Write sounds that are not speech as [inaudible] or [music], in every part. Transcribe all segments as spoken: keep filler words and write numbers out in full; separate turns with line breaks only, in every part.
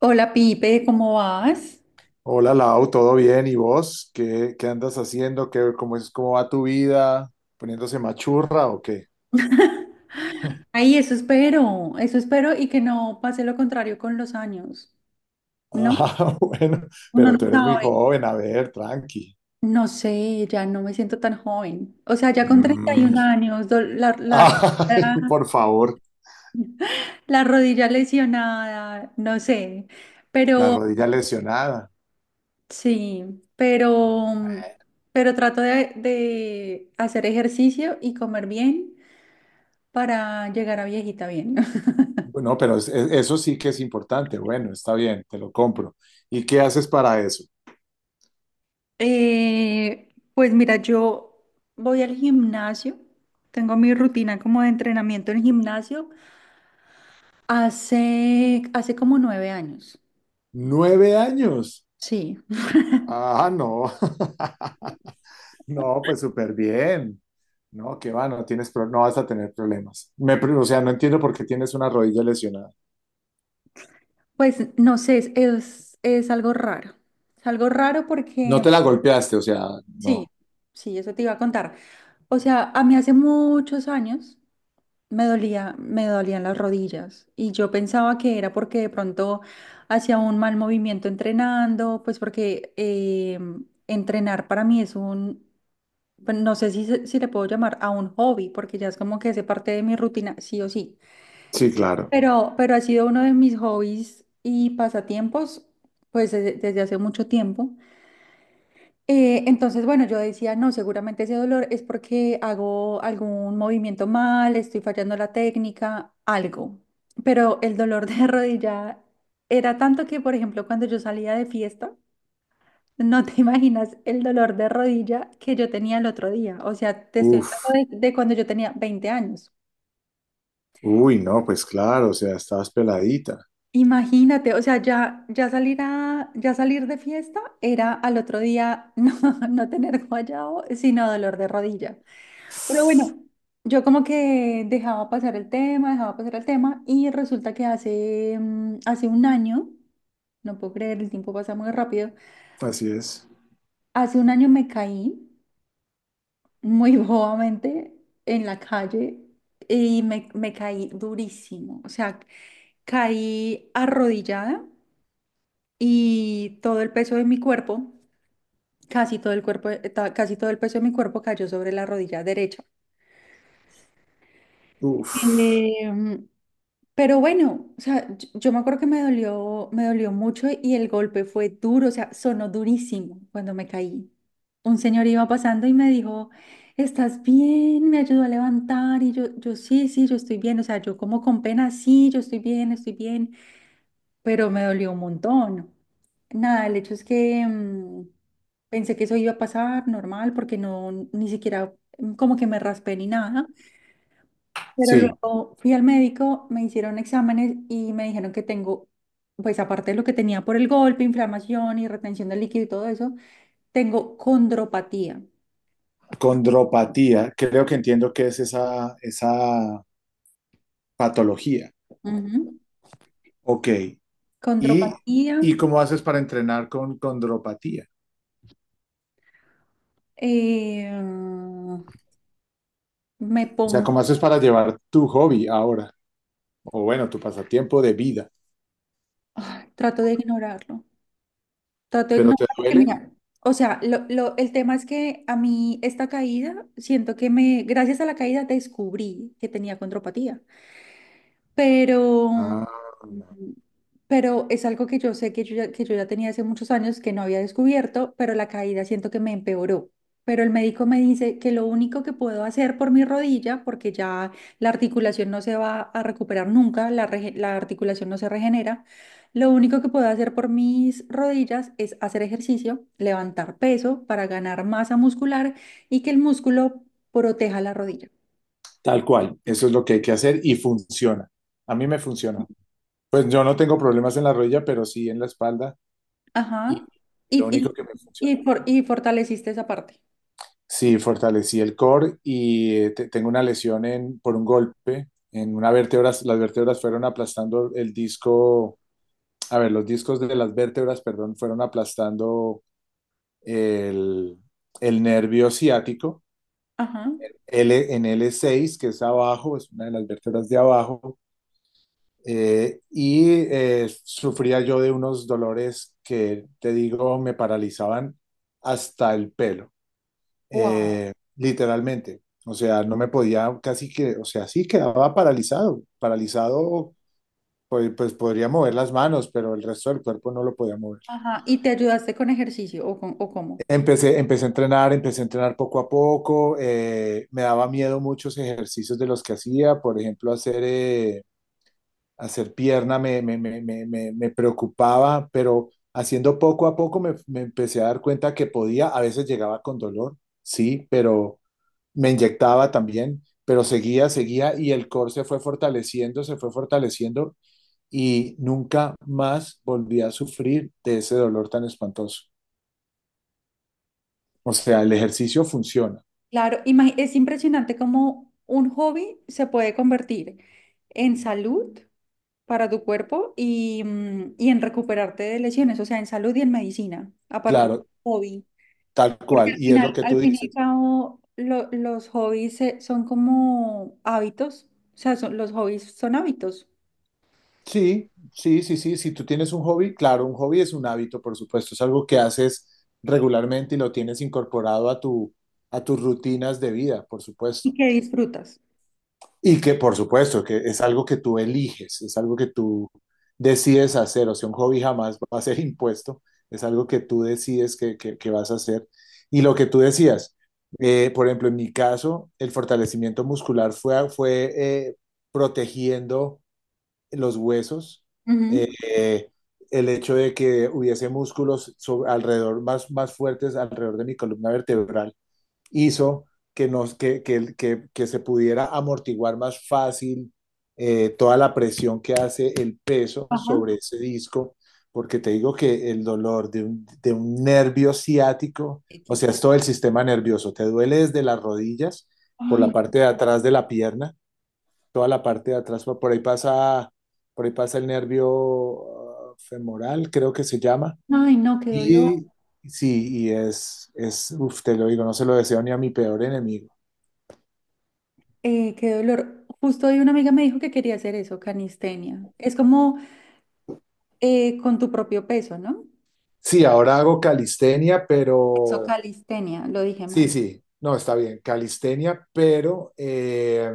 Hola Pipe, ¿cómo vas?
Hola Lau, ¿todo bien? ¿Y vos? ¿Qué, qué andas haciendo? ¿Qué, cómo es, cómo va tu vida? ¿Poniéndose machurra o qué?
[laughs] Ay, eso espero, eso espero y que no pase lo contrario con los años, ¿no?
Ah, [laughs] bueno,
Uno
pero
no
tú eres muy
sabe.
joven, a ver, tranqui.
No sé, ya no me siento tan joven. O sea, ya con
Mm.
treinta y un años, do- la, la,
Ay,
la-
por favor,
la rodilla lesionada, no sé.
la
Pero
rodilla lesionada.
sí, pero, mm, pero trato de, de hacer ejercicio y comer bien para llegar a viejita bien.
Bueno, pero es- es- eso sí que es importante. Bueno, está bien, te lo compro. ¿Y qué haces para eso?
Eh, pues mira, yo voy al gimnasio, tengo mi rutina como de entrenamiento en gimnasio hace, hace como nueve años.
Nueve años.
Sí,
Ah, no. [laughs] No, pues súper bien. No, qué va, no tienes pro- no vas a tener problemas. Me, pre- o sea, no entiendo por qué tienes una rodilla lesionada.
pues no sé, es, es, es algo raro. Es algo raro
No
porque,
te la golpeaste, o sea,
sí,
no.
sí, eso te iba a contar. O sea, a mí hace muchos años me dolía, me dolían las rodillas y yo pensaba que era porque de pronto hacía un mal movimiento entrenando, pues porque eh, entrenar para mí es un, pues, no sé si, se- si le puedo llamar a un hobby, porque ya es como que hace parte de mi rutina, sí o sí.
Sí, claro.
Pero, pero ha sido uno de mis hobbies y pasatiempos, pues desde, desde hace mucho tiempo. Eh, entonces, bueno, yo decía, no, seguramente ese dolor es porque hago algún movimiento mal, estoy fallando la técnica, algo. Pero el dolor de [laughs] rodilla era tanto que, por ejemplo, cuando yo salía de fiesta, no te [laughs] imaginas el dolor de rodilla que yo tenía el otro día. O sea, te estoy
Uf.
hablando de, de cuando yo tenía veinte años.
Uy, no, pues claro, o sea, estabas peladita.
Imagínate, o sea, ya, ya salir a, ya salir de fiesta era al otro día [laughs] no, no tener guayao, sino dolor de rodilla. Pero bueno, yo como que dejaba pasar el tema, dejaba pasar el tema y resulta que hace, mm, hace un año, no puedo creer, el tiempo pasa muy rápido,
Así es.
hace un año me caí muy [laughs] bobamente en la calle y me, me caí durísimo, o sea, caí arrodillada y todo el peso de mi cuerpo, casi todo el cuerpo, eh, ta- casi todo el peso de mi cuerpo cayó sobre la rodilla derecha.
Uf.
Em, Pero bueno, o sea, yo, yo me acuerdo que me dolió, me dolió mucho y el golpe fue duro, o sea, sonó durísimo cuando me caí. Un señor iba pasando y me dijo, ¿estás bien? Me ayudó a levantar y yo, yo sí, sí, yo estoy bien, o sea, yo como con pena, sí, yo estoy bien, estoy bien, pero me dolió un montón. Nada, el hecho es que mm, pensé que eso iba a pasar normal porque no, ni siquiera mm, como que me raspé ni nada. Pero
Sí,
luego fui al médico, me hicieron exámenes y me dijeron que tengo, pues aparte de lo que tenía por el golpe, inflamación y retención de líquido y todo eso, tengo condropatía.
condropatía, creo que entiendo qué es esa, esa, patología.
Ujú.
Ok. ¿Y,
Condropatía,
y cómo haces para entrenar con condropatía?
eh, me
O sea,
pongo,
¿cómo haces para llevar tu hobby ahora?, o bueno, tu pasatiempo de vida,
ay, trato de ignorarlo, trato de
pero te
ignorarlo porque
duele.
mira, o sea, lo- lo- el tema es que a mí esta caída, siento que me, gracias a la caída descubrí que tenía condropatía. Pero, mm,
Ah,
pero es algo que yo sé que yo ya, que yo ya tenía hace muchos años que no había descubierto, pero la caída siento que me empeoró. Pero el médico me dice que lo único que puedo hacer por mi rodilla, porque ya la articulación no se va a recuperar nunca, la, rege- la articulación no se regenera, lo único que puedo hacer por mis rodillas es hacer ejercicio, levantar peso para ganar masa muscular y que el músculo proteja la rodilla.
tal cual, eso es lo que hay que hacer y funciona. A mí me funcionó. Pues yo no tengo problemas en la rodilla, pero sí en la espalda, y
Ajá.
lo único
Y,
que me
y, y,
funcionó.
for- y fortaleciste esa parte.
Sí, fortalecí el core y eh, te- tengo una lesión en, por un golpe en una vértebra. Las vértebras fueron aplastando el disco, a ver, los discos de las vértebras, perdón, fueron aplastando el, el nervio ciático
Ajá.
L, en l seis, que es abajo, es una de las vértebras de abajo. Eh, y eh, sufría yo de unos dolores que, te digo, me paralizaban hasta el pelo,
Wow.
eh, literalmente. O sea, no me podía casi que, o sea, sí quedaba paralizado, paralizado, pues, pues podría mover las manos, pero el resto del cuerpo no lo podía mover.
Ajá. Y te ayudaste con ejercicio o, con, o cómo.
Empecé, empecé a entrenar, empecé a entrenar poco a poco, eh, me daba miedo muchos ejercicios de los que hacía, por ejemplo, hacer eh, hacer pierna me, me, me, me, me- me preocupaba, pero haciendo poco a poco me, me empecé a dar cuenta que podía, a veces llegaba con dolor, sí, pero me inyectaba también, pero seguía, seguía y el core se fue fortaleciendo, se fue fortaleciendo y nunca más volví a sufrir de ese dolor tan espantoso. O sea, el ejercicio funciona,
Claro, imagi- es impresionante cómo un hobby se puede convertir en salud para tu cuerpo y, mm, y en recuperarte de lesiones, o sea, en salud y en medicina a partir del
claro,
hobby.
tal
Porque
cual,
al
y es lo
final,
que tú
al fin y al
dices.
cabo, lo- los hobbies eh, son como hábitos, o sea, son- los hobbies son hábitos
Sí, sí, sí, sí. Si tú tienes un hobby, claro, un hobby es un hábito, por supuesto, es algo que haces regularmente y lo tienes incorporado a tu, a tus rutinas de vida, por
y
supuesto.
que disfrutas.
Y que, por supuesto, que es algo que tú eliges, es algo que tú decides hacer. O sea, un hobby jamás va a ser [laughs] impuesto, es algo que tú decides que, que, que vas a hacer. Y lo que tú decías, eh, por ejemplo, en mi caso, el fortalecimiento muscular fue, fue eh, protegiendo los huesos.
Ujú.
eh, el hecho de que hubiese músculos so- alrededor, más, más fuertes alrededor de mi columna vertebral, hizo que, nos, que, que, que, que se pudiera amortiguar más fácil eh, toda la presión que hace el peso
Ajá.
sobre ese disco, porque te digo que el dolor de un, de un, nervio ciático,
eh,
o
que
sea, es
fue-
todo el sistema nervioso. Te duele desde las rodillas, por
Ay,
la parte de atrás de la pierna, toda la parte de atrás, por por ahí pasa, por ahí pasa el nervio ah, femoral, creo que se llama.
ay, no, qué dolor,
Y sí, y es, es, uf, te lo digo, no se lo deseo ni a mi peor enemigo.
eh, qué dolor. Justo hoy una amiga me dijo que quería hacer eso, calistenia. Es como eh, con tu propio peso, ¿no?
Sí, ahora hago calistenia,
Eso,
pero
calistenia, lo dije
sí,
mal.
sí, no, está bien, calistenia, pero eh,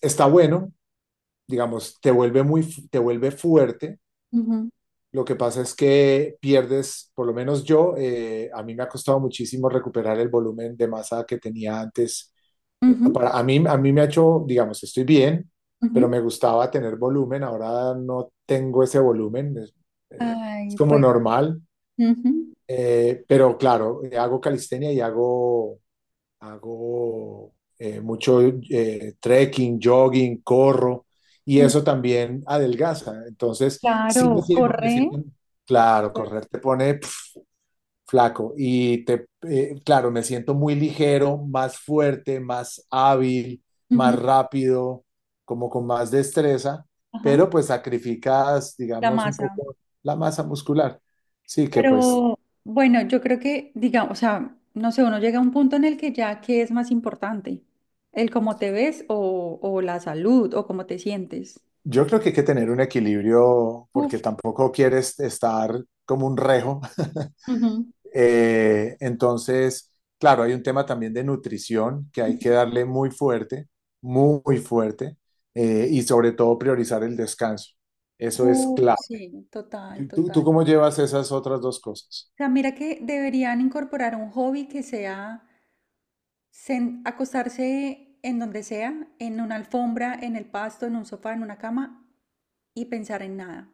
está bueno, digamos, te vuelve muy, fu- te vuelve fuerte.
Ujú,
Lo que pasa es que pierdes, por lo menos yo, eh, a mí me ha costado muchísimo recuperar el volumen de masa que tenía antes.
ujú,
Para, a mí, a mí me ha hecho, digamos, estoy bien, pero
ujú.
me gustaba tener volumen, ahora no tengo ese volumen, es, eh, es
Ay,
como
pues,
normal.
ujú,
Eh, pero claro, eh, hago calistenia y hago, hago eh, mucho eh, trekking, jogging, corro, y
ujú.
eso también adelgaza. Entonces sí me
Claro,
siento, me
corre.
siento- claro, correr te pone pf, flaco. Y te, eh, claro, me siento muy ligero, más fuerte, más hábil,
Ujú,
más rápido, como con más destreza,
ajá,
pero pues sacrificas,
la
digamos, un
masa.
poco la masa muscular. Sí, que pues
Pero bueno, yo creo que, digamos, o sea, no sé, uno llega a un punto en el que ya, ¿qué es más importante? ¿El cómo te ves o, o la salud o cómo te sientes?
yo creo que hay que tener un equilibrio porque
Uf,
tampoco quieres estar como un rejo.
ujú.
Eh, entonces, claro, hay un tema también de nutrición que hay que darle muy fuerte, muy, muy fuerte, eh, y sobre todo priorizar el descanso. Eso es
Uf,
claro.
sí, total,
¿Tú, tú
total. O
cómo llevas esas otras dos cosas?
sea, mira que deberían incorporar un hobby que sea sen- acostarse en donde sea, en una alfombra, en el pasto, en un sofá, en una cama y pensar en nada.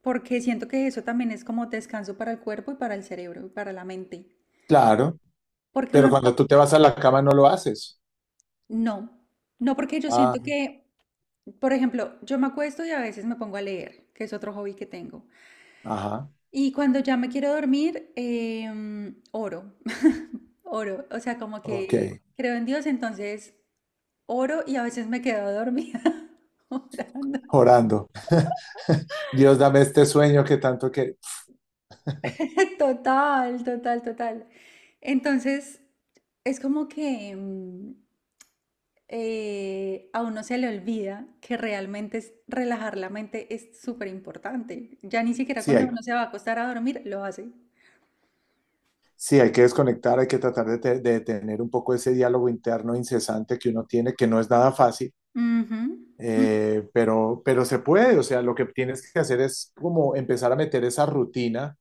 Porque siento que eso también es como descanso para el cuerpo y para el cerebro y para la mente.
Claro,
Porque
pero
uno nunca,
cuando tú te vas a la cama no lo haces.
no, no porque yo siento
Ah,
que, por ejemplo, yo me acuesto y a veces me pongo a leer, que es otro hobby que tengo.
ajá,
Y cuando ya me quiero dormir, em, oro, [laughs] oro, o sea, como
ok,
que creo en Dios, entonces oro y a veces me quedo dormida [laughs] orando.
orando. [laughs] Dios, dame este sueño que tanto que.
[laughs] Total, total, total. Entonces, es como que, mm, eh, a uno se le olvida que realmente es, relajar la mente es súper importante. Ya ni siquiera
Sí,
cuando
hay,
uno se va a acostar a dormir lo hace.
sí, hay que desconectar, hay que tratar de, te- de tener un poco ese diálogo interno incesante que uno tiene, que no es nada fácil.
Ujú, ujú,
Eh, pero, pero se puede, o sea, lo que tienes que hacer es como empezar a meter esa rutina.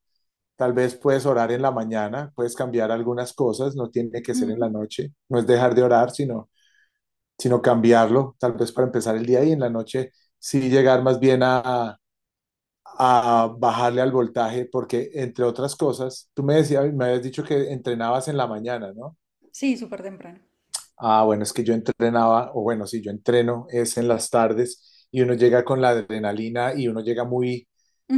Tal vez puedes orar en la mañana, puedes cambiar algunas cosas, no tiene que ser en la
ujú.
noche, no es dejar de orar, sino, sino, cambiarlo, tal vez para empezar el día, y en la noche sí llegar más bien a, a bajarle al voltaje, porque entre otras cosas, tú me decías, me habías dicho que entrenabas en la mañana, ¿no?
Sí, súper temprano.
Ah, bueno, es que yo entrenaba, o bueno, sí, yo entreno, es en las tardes, y uno llega con la adrenalina y uno llega muy,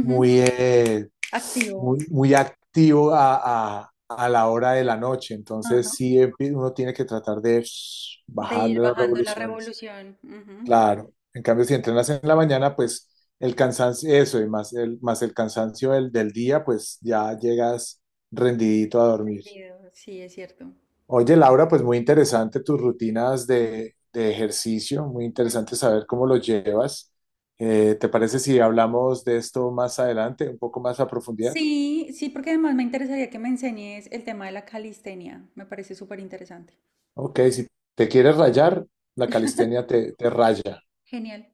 muy, eh,
activo.
muy, muy activo a, a- a la hora de la noche.
Ajá.
Entonces, sí, empi- uno tiene que tratar de shh,
De ir
bajarle las
bajando la
revoluciones.
revolución. Ujú,
Claro. En cambio, si entrenas en la mañana, pues el cansancio, eso, y más el, más el cansancio del, del día, pues ya llegas rendidito a
del
dormir.
video, sí, es cierto.
Oye, Laura, pues muy interesante tus rutinas de, de ejercicio, muy
Ujú.
interesante saber cómo los llevas. Eh, ¿te parece si hablamos de esto más adelante, un poco más a profundidad?
Sí, sí, porque además me interesaría que me enseñes el tema de la calistenia. Me parece súper interesante.
Ok, si te quieres rayar, la calistenia te, te raya.
Genial.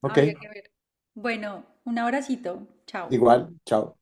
Ok,
Habría que ver. Bueno, un abracito. Chao.
igual, chao.